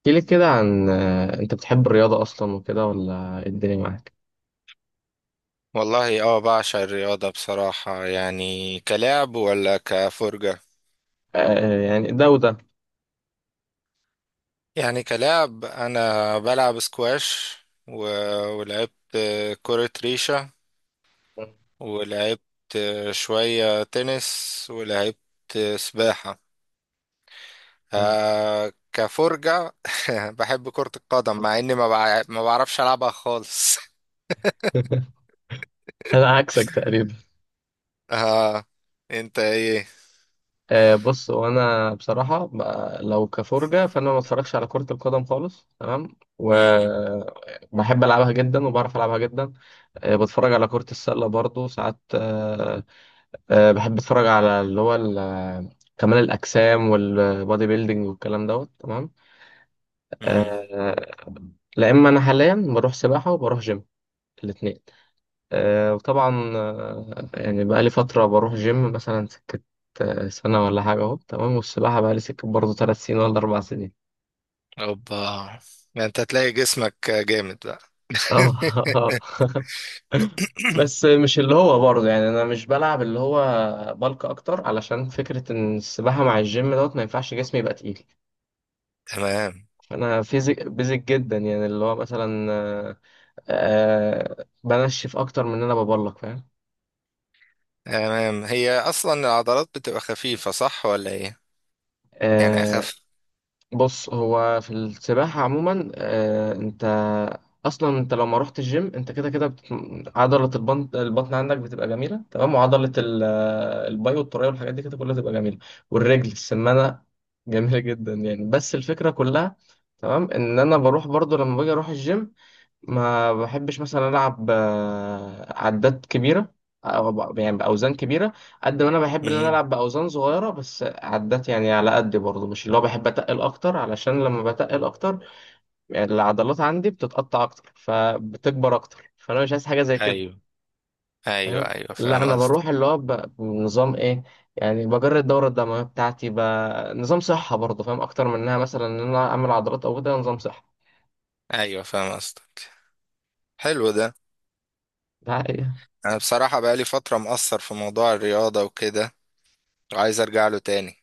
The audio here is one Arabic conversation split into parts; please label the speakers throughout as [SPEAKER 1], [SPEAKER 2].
[SPEAKER 1] احكي لي كده عن انت بتحب الرياضة اصلا وكده ولا إيه الدنيا معاك؟
[SPEAKER 2] والله بعشق الرياضة بصراحة، يعني كلاعب ولا كفرجة.
[SPEAKER 1] يعني ده وده.
[SPEAKER 2] يعني كلاعب أنا بلعب سكواش و... ولعبت كرة ريشة، ولعبت شوية تنس، ولعبت سباحة.
[SPEAKER 1] مم.
[SPEAKER 2] كفرجة. بحب كرة القدم مع إني ما بعرفش ألعبها خالص.
[SPEAKER 1] انا عكسك تقريبا.
[SPEAKER 2] آه أنت إيه؟
[SPEAKER 1] بص، وانا بصراحة بقى لو كفرجة فانا ما اتفرجش على كرة القدم خالص، تمام،
[SPEAKER 2] مم.
[SPEAKER 1] وبحب العبها جدا وبعرف العبها جدا. بتفرج على كرة السلة برضو ساعات. بحب اتفرج على كمال الاجسام والبودي بيلدينج والكلام دوت، تمام.
[SPEAKER 2] مم.
[SPEAKER 1] آه، لا، اما انا حاليا بروح سباحه وبروح جيم الاثنين. أه، وطبعا، يعني بقى لي فتره بروح جيم مثلا سكه سنه ولا حاجه اهو، تمام، والسباحه بقى لي سكه برضه 3 سنين ولا 4 سنين.
[SPEAKER 2] أوبا، ده أنت تلاقي جسمك جامد بقى.
[SPEAKER 1] اه. آه. بس مش اللي هو برضه، يعني انا مش بلعب اللي هو بلك اكتر، علشان فكره ان السباحه مع الجيم دوت ما ينفعش جسمي يبقى تقيل.
[SPEAKER 2] تمام.
[SPEAKER 1] انا فيزيك بيزك جدا، يعني اللي هو مثلا، بنشف اكتر من ان انا ببلك، فاهم.
[SPEAKER 2] تمام، هي اصلا العضلات بتبقى خفيفة، صح ولا ايه؟ يعني
[SPEAKER 1] آه،
[SPEAKER 2] اخف.
[SPEAKER 1] بص، هو في السباحة عموما، انت اصلا انت لو ما رحت الجيم انت كده كده عضلة البطن عندك بتبقى جميلة، تمام، وعضلة الباي والتراي والحاجات دي كده كلها تبقى جميلة، والرجل السمانة جميلة جدا، يعني بس الفكرة كلها، تمام، ان انا بروح برضو. لما باجي اروح الجيم ما بحبش مثلا العب عدات كبيره، يعني باوزان كبيره. قد ما انا بحب ان انا
[SPEAKER 2] مم.
[SPEAKER 1] العب باوزان صغيره بس عدات، يعني على قد برضه، مش اللي هو بحب اتقل اكتر، علشان لما بتقل اكتر يعني العضلات عندي بتتقطع اكتر فبتكبر اكتر، فانا مش عايز حاجه زي كده،
[SPEAKER 2] ايوه. ايوه
[SPEAKER 1] فاهم.
[SPEAKER 2] ايوه،
[SPEAKER 1] لا،
[SPEAKER 2] فاهم
[SPEAKER 1] انا
[SPEAKER 2] قصدك.
[SPEAKER 1] بروح اللي هو بنظام ايه، يعني بجري الدوره الدمويه بتاعتي نظام صحه، برضه فاهم، اكتر منها مثلا ان انا اعمل عضلات او كده. نظام صحه.
[SPEAKER 2] ايوه فاهم قصدك. حلو ده.
[SPEAKER 1] ده حقيقة.
[SPEAKER 2] انا بصراحة بقالي فترة مقصر في موضوع الرياضة وكده، وعايز ارجع له تاني.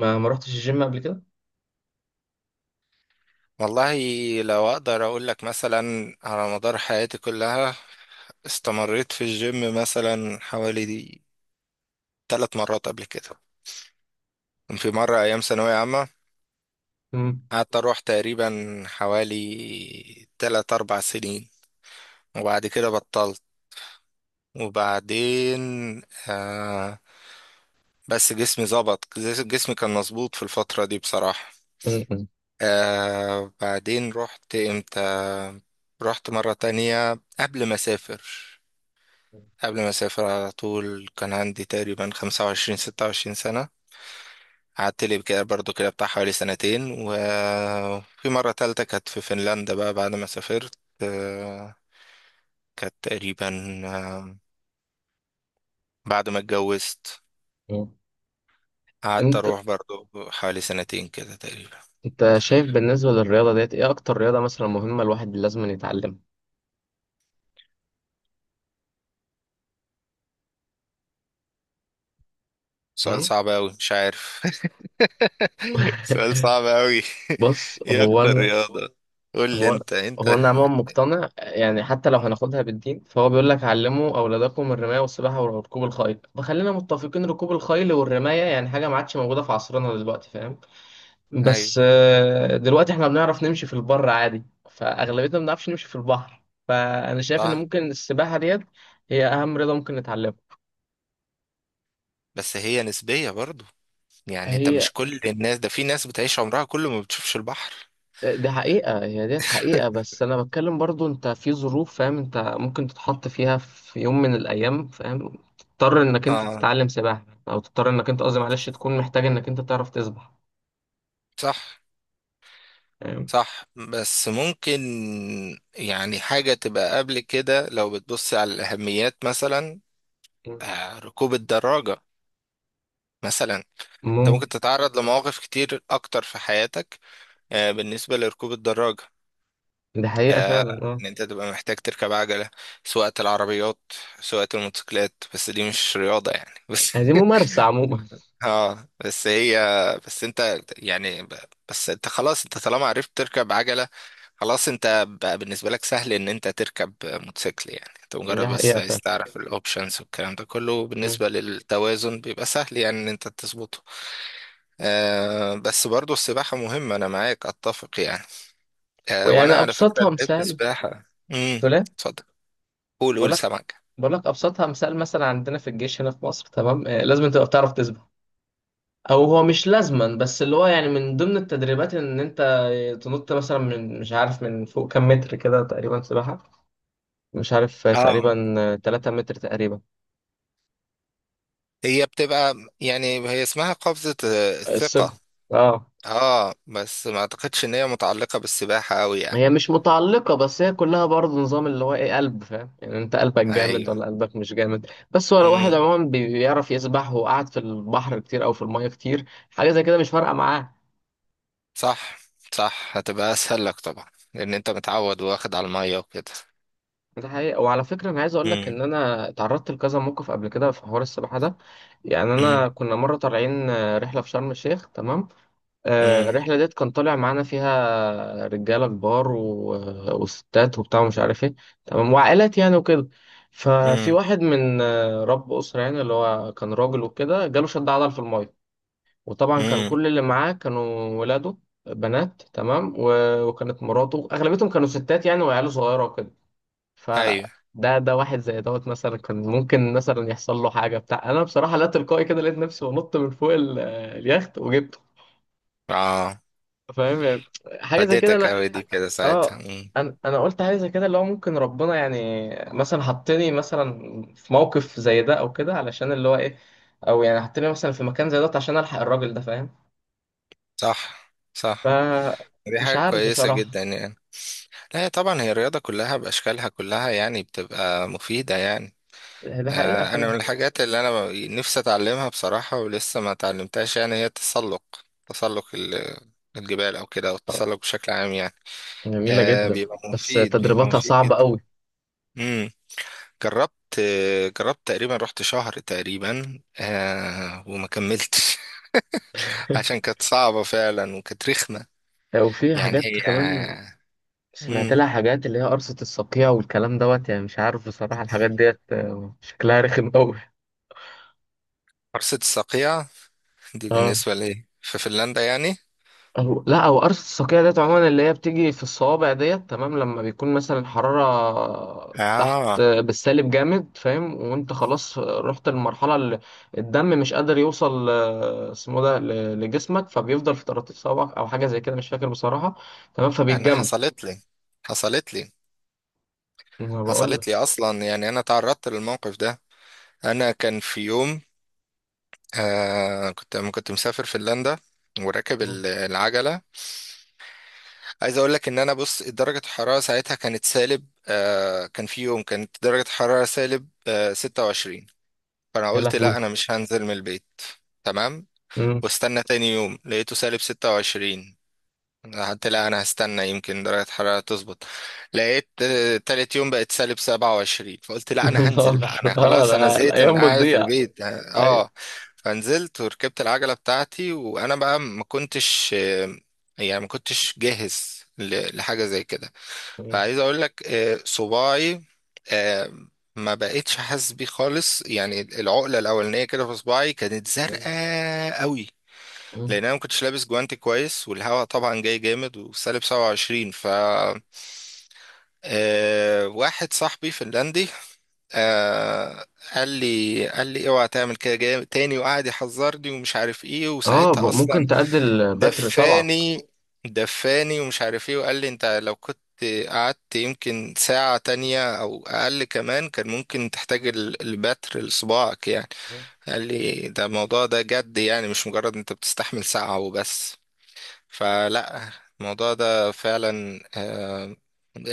[SPEAKER 1] ما رحتش الجيم قبل كده؟
[SPEAKER 2] والله، لو اقدر اقول لك مثلا، على مدار حياتي كلها استمريت في الجيم مثلا حوالي دي 3 مرات قبل كده. كان في مرة أيام ثانوية عامة قعدت اروح تقريبا حوالي 3 4 سنين وبعد كده بطلت. وبعدين آه بس جسمي ظبط، جسمي كان مظبوط في الفترة دي بصراحة.
[SPEAKER 1] مم.
[SPEAKER 2] بعدين رحت امتى؟ رحت مرة تانية قبل ما اسافر. قبل ما اسافر على طول كان عندي تقريبا 25 26 سنة. قعدت لي كده برضو، كده بتاع حوالي سنتين. وفي مرة تالتة كانت في فنلندا بقى بعد ما سافرت، آه، كانت تقريبا آه، بعد ما اتجوزت.
[SPEAKER 1] مم.
[SPEAKER 2] قعدت
[SPEAKER 1] انت
[SPEAKER 2] اروح برضو حوالي سنتين كده تقريبا.
[SPEAKER 1] انت شايف بالنسبة للرياضة ديت ايه اكتر رياضة مثلا مهمة الواحد لازم يتعلمها؟
[SPEAKER 2] سؤال
[SPEAKER 1] مم؟
[SPEAKER 2] صعب اوي، مش عارف. سؤال صعب اوي.
[SPEAKER 1] بص،
[SPEAKER 2] ايه اكتر رياضة؟ قول لي
[SPEAKER 1] هو
[SPEAKER 2] انت
[SPEAKER 1] هو
[SPEAKER 2] انت
[SPEAKER 1] انا عموما مقتنع، يعني حتى لو
[SPEAKER 2] مهم.
[SPEAKER 1] هناخدها بالدين فهو بيقول لك علموا اولادكم الرماية والسباحة وركوب الخيل، فخلينا متفقين ركوب الخيل والرماية يعني حاجة ما عادش موجودة في عصرنا دلوقتي، فاهم.
[SPEAKER 2] ايوه.
[SPEAKER 1] بس دلوقتي احنا بنعرف نمشي في البر عادي، فاغلبيتنا ما بنعرفش نمشي في البحر، فانا شايف ان
[SPEAKER 2] صح،
[SPEAKER 1] ممكن السباحة ديت هي اهم رياضة ممكن نتعلمها.
[SPEAKER 2] بس هي نسبية برضو. يعني انت
[SPEAKER 1] هي
[SPEAKER 2] مش كل الناس، ده في ناس بتعيش عمرها كله ما بتشوفش البحر.
[SPEAKER 1] ده حقيقة، هي ديت حقيقة، بس أنا بتكلم برضو أنت في ظروف، فاهم، أنت ممكن تتحط فيها في يوم من الأيام، فاهم، تضطر إنك أنت
[SPEAKER 2] اه،
[SPEAKER 1] تتعلم سباحة، أو تضطر إنك أنت، قصدي معلش، تكون محتاج إنك أنت تعرف تسبح،
[SPEAKER 2] صح
[SPEAKER 1] فاهم.
[SPEAKER 2] صح، بس ممكن يعني حاجة تبقى قبل كده لو بتبص على الأهميات، مثلا ركوب الدراجة مثلا. انت
[SPEAKER 1] ممكن.
[SPEAKER 2] ممكن تتعرض لمواقف كتير اكتر في حياتك بالنسبة لركوب الدراجة.
[SPEAKER 1] ده حقيقة
[SPEAKER 2] آه،
[SPEAKER 1] فعلا، أه.
[SPEAKER 2] ان انت تبقى محتاج تركب عجلة، سواقة العربيات، سواقة الموتوسيكلات. بس دي مش رياضة يعني. بس
[SPEAKER 1] هي دي ممارسة عموما.
[SPEAKER 2] اه بس هي بس انت يعني ب- بس انت خلاص، انت طالما عرفت تركب عجلة، خلاص انت بقى بالنسبة لك سهل ان انت تركب موتوسيكل. يعني انت مجرد
[SPEAKER 1] ده
[SPEAKER 2] بس
[SPEAKER 1] حقيقة
[SPEAKER 2] عايز
[SPEAKER 1] فعلا.
[SPEAKER 2] تعرف الاوبشنز والكلام ده كله،
[SPEAKER 1] مم.
[SPEAKER 2] بالنسبة للتوازن بيبقى سهل يعني ان انت تظبطه. بس برضو السباحة مهمة، أنا معاك أتفق يعني.
[SPEAKER 1] ويعني
[SPEAKER 2] وأنا على فكرة
[SPEAKER 1] أبسطها
[SPEAKER 2] لعبت
[SPEAKER 1] مثال.
[SPEAKER 2] سباحة. امم
[SPEAKER 1] تقول إيه؟
[SPEAKER 2] اتفضل. قول
[SPEAKER 1] بقول
[SPEAKER 2] قول
[SPEAKER 1] لك
[SPEAKER 2] سمك.
[SPEAKER 1] بقول لك أبسطها مثال. مثلا عندنا في الجيش هنا في مصر، تمام، لازم أنت تبقى بتعرف تسبح، او هو مش لازما بس اللي هو، يعني من ضمن التدريبات ان انت تنط مثلا من، مش عارف، من فوق كام متر كده تقريبا سباحة، مش عارف
[SPEAKER 2] اه،
[SPEAKER 1] تقريبا 3 متر تقريبا.
[SPEAKER 2] هي بتبقى، يعني هي اسمها قفزة الثقة.
[SPEAKER 1] الثقل. اه،
[SPEAKER 2] اه بس ما أعتقدش إن هي متعلقة بالسباحة أوي يعني.
[SPEAKER 1] هي مش متعلقة، بس هي كلها برضه نظام اللي هو ايه، قلب، فاهم، يعني انت قلبك جامد
[SPEAKER 2] أيوه.
[SPEAKER 1] ولا قلبك مش جامد. بس هو لو واحد
[SPEAKER 2] امم
[SPEAKER 1] عموما بيعرف يسبح وقعد في البحر كتير او في المية كتير، حاجة زي كده مش فارقة معاه.
[SPEAKER 2] صح صح، هتبقى أسهل لك طبعا لأن أنت متعود واخد على المية وكده.
[SPEAKER 1] ده حقيقة، وعلى فكرة أنا عايز أقول لك
[SPEAKER 2] امم.
[SPEAKER 1] إن أنا اتعرضت لكذا موقف قبل كده في حوار السباحة ده. يعني أنا
[SPEAKER 2] امم.
[SPEAKER 1] كنا مرة طالعين رحلة في شرم الشيخ، تمام.
[SPEAKER 2] امم.
[SPEAKER 1] الرحلة ديت كان طالع معانا فيها رجالة كبار و... وستات وبتاع ومش عارف إيه، تمام، وعائلات يعني وكده. ففي
[SPEAKER 2] امم.
[SPEAKER 1] واحد من رب أسرة يعني، اللي هو كان راجل وكده، جاله شد عضل في المية، وطبعا كان
[SPEAKER 2] امم.
[SPEAKER 1] كل اللي معاه كانوا ولاده بنات، تمام، و... وكانت مراته، أغلبيتهم كانوا ستات يعني، وعياله صغيرة وكده.
[SPEAKER 2] أيوه.
[SPEAKER 1] فده ده واحد زي دوت مثلا كان ممكن مثلا يحصل له حاجه بتاع. انا بصراحه لا، تلقائي كده لقيت نفسي بنط من فوق اليخت وجبته،
[SPEAKER 2] اه،
[SPEAKER 1] فاهم يعني. حاجه زي كده.
[SPEAKER 2] فادتك
[SPEAKER 1] انا
[SPEAKER 2] أوي دي كده ساعتها.
[SPEAKER 1] اه انا انا قلت حاجه زي كده اللي هو ممكن ربنا يعني مثلا حطني مثلا في موقف زي ده او كده، علشان اللي هو ايه، او يعني حطني مثلا في مكان زي ده عشان الحق الراجل ده، فاهم.
[SPEAKER 2] صح
[SPEAKER 1] ف،
[SPEAKER 2] صح، دي
[SPEAKER 1] مش
[SPEAKER 2] حاجة
[SPEAKER 1] عارف
[SPEAKER 2] كويسة
[SPEAKER 1] بصراحه.
[SPEAKER 2] جدا يعني. لا هي طبعا، هي الرياضة كلها بأشكالها كلها يعني بتبقى مفيدة يعني.
[SPEAKER 1] ده حقيقه،
[SPEAKER 2] أنا من
[SPEAKER 1] فاهم.
[SPEAKER 2] الحاجات اللي أنا نفسي أتعلمها بصراحة ولسه ما اتعلمتهاش، يعني هي التسلق. تسلق الجبال أو كده، أو
[SPEAKER 1] آه،
[SPEAKER 2] التسلق بشكل عام يعني.
[SPEAKER 1] جميله جدا.
[SPEAKER 2] بيبقى
[SPEAKER 1] بس
[SPEAKER 2] مفيد، بيبقى
[SPEAKER 1] تدريباتها
[SPEAKER 2] مفيد
[SPEAKER 1] صعبه
[SPEAKER 2] جدا.
[SPEAKER 1] قوي.
[SPEAKER 2] مم. جربت. جربت تقريبا، رحت شهر تقريبا وما كملتش. عشان كانت صعبة فعلا وكانت رخمة.
[SPEAKER 1] وفي
[SPEAKER 2] يعني هي.
[SPEAKER 1] حاجات كمان سمعت
[SPEAKER 2] مم.
[SPEAKER 1] لها. حاجات اللي هي قرصة الصقيع والكلام دوت، يعني مش عارف بصراحة الحاجات ديت شكلها رخم أوي.
[SPEAKER 2] حرصة الصقيع دي
[SPEAKER 1] اه.
[SPEAKER 2] بالنسبة لي في فنلندا يعني.
[SPEAKER 1] أو لا، أو قرصة الصقيع ديت عموما اللي هي بتيجي في الصوابع ديت، تمام، لما بيكون مثلا الحرارة تحت،
[SPEAKER 2] آه
[SPEAKER 1] بالسالب جامد، فاهم، وأنت خلاص رحت للمرحلة اللي الدم مش قادر يوصل، اسمه ده، لجسمك، فبيفضل في طراطيف صوابعك أو حاجة زي كده، مش فاكر بصراحة، تمام،
[SPEAKER 2] أنا
[SPEAKER 1] فبيتجمد.
[SPEAKER 2] حصلت لي
[SPEAKER 1] أنا بقول لك.
[SPEAKER 2] حصلت لي أصلا يعني، أنا تعرضت للموقف ده. أنا كان في يوم، آه كنت كنت مسافر فنلندا وراكب
[SPEAKER 1] مم.
[SPEAKER 2] العجلة. عايز أقول لك إن أنا، بص، درجة الحرارة ساعتها كانت سالب، كان في يوم كانت درجة الحرارة سالب 26. فأنا
[SPEAKER 1] يا
[SPEAKER 2] قلت
[SPEAKER 1] لهوي.
[SPEAKER 2] لا، أنا مش هنزل من البيت. تمام.
[SPEAKER 1] مم.
[SPEAKER 2] واستنى تاني يوم لقيته سالب 26. حتى لا، انا هستنى يمكن درجة الحرارة تظبط. لقيت تالت يوم بقت سالب 27. فقلت
[SPEAKER 1] يا
[SPEAKER 2] لا، انا هنزل
[SPEAKER 1] نهار!
[SPEAKER 2] بقى، انا
[SPEAKER 1] اه،
[SPEAKER 2] خلاص انا
[SPEAKER 1] لا
[SPEAKER 2] زهقت من
[SPEAKER 1] الأيام
[SPEAKER 2] قعدة
[SPEAKER 1] بتضيع.
[SPEAKER 2] البيت اه
[SPEAKER 1] ايوه.
[SPEAKER 2] آه. فنزلت وركبت العجلة بتاعتي، وانا بقى ما كنتش يعني ما كنتش جاهز لحاجة زي كده.
[SPEAKER 1] مم.
[SPEAKER 2] فعايز اقول لك صباعي آه، ما بقتش حاسس بيه خالص يعني. العقلة الأولانية كده في صباعي كانت
[SPEAKER 1] مم.
[SPEAKER 2] زرقاء قوي،
[SPEAKER 1] مم.
[SPEAKER 2] لان انا ما كنتش لابس جوانتي كويس والهواء طبعا جاي جامد وسالب 27. ف آه، واحد صاحبي فنلندي آه، قال لي اوعى تعمل كده جامد تاني، وقعد يحذرني ومش عارف ايه.
[SPEAKER 1] اه،
[SPEAKER 2] وساعتها
[SPEAKER 1] ممكن
[SPEAKER 2] اصلا
[SPEAKER 1] تأدي البتر صبعك.
[SPEAKER 2] دفاني، دفاني ومش عارف ايه. وقال لي انت لو كنت قعدت يمكن ساعة تانية أو أقل كمان كان ممكن تحتاج البتر لصباعك يعني.
[SPEAKER 1] مم.
[SPEAKER 2] قال لي ده الموضوع ده جد، يعني مش مجرد أنت بتستحمل ساعة وبس. فلا، الموضوع ده فعلا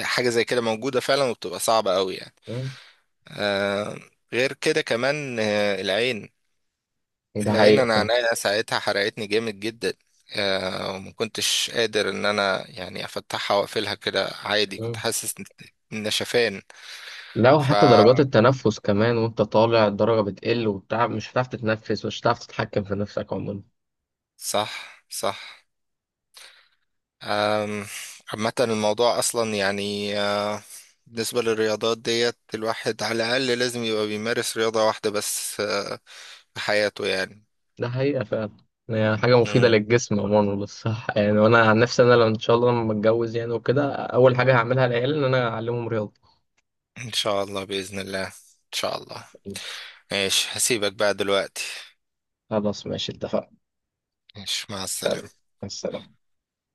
[SPEAKER 2] حاجة زي كده موجودة فعلا وبتبقى صعبة قوي يعني.
[SPEAKER 1] مم.
[SPEAKER 2] آه، غير كده كمان العين.
[SPEAKER 1] ده حقيقة
[SPEAKER 2] انا
[SPEAKER 1] فعلا.
[SPEAKER 2] عينيا ساعتها حرقتني جامد جدا، وما كنتش قادر ان انا يعني افتحها واقفلها كده عادي.
[SPEAKER 1] مم.
[SPEAKER 2] كنت حاسس إن شفان.
[SPEAKER 1] لا،
[SPEAKER 2] ف
[SPEAKER 1] وحتى درجات التنفس كمان، وانت طالع الدرجة بتقل وبتاع، مش هتعرف تتنفس، مش هتعرف تتحكم في نفسك عموما.
[SPEAKER 2] صح صح. أم، عامة الموضوع أصلا يعني بالنسبة للرياضات ديت، الواحد على الأقل لازم يبقى بيمارس رياضة واحدة بس في حياته يعني.
[SPEAKER 1] ده حقيقة فعلا. يعني حاجة مفيدة
[SPEAKER 2] مم.
[SPEAKER 1] للجسم عموما وللصحة. يعني، وانا عن نفسي، انا لو ان شاء الله لما اتجوز يعني وكده، اول حاجة هعملها للعيال ان انا اعلمهم رياضة.
[SPEAKER 2] إن شاء الله بإذن الله، إن شاء الله. ماشي، هسيبك بقى دلوقتي.
[SPEAKER 1] خلاص، ماشي، اتفقنا.
[SPEAKER 2] ماشي، مع
[SPEAKER 1] يلا،
[SPEAKER 2] السلامة.
[SPEAKER 1] مع السلامة.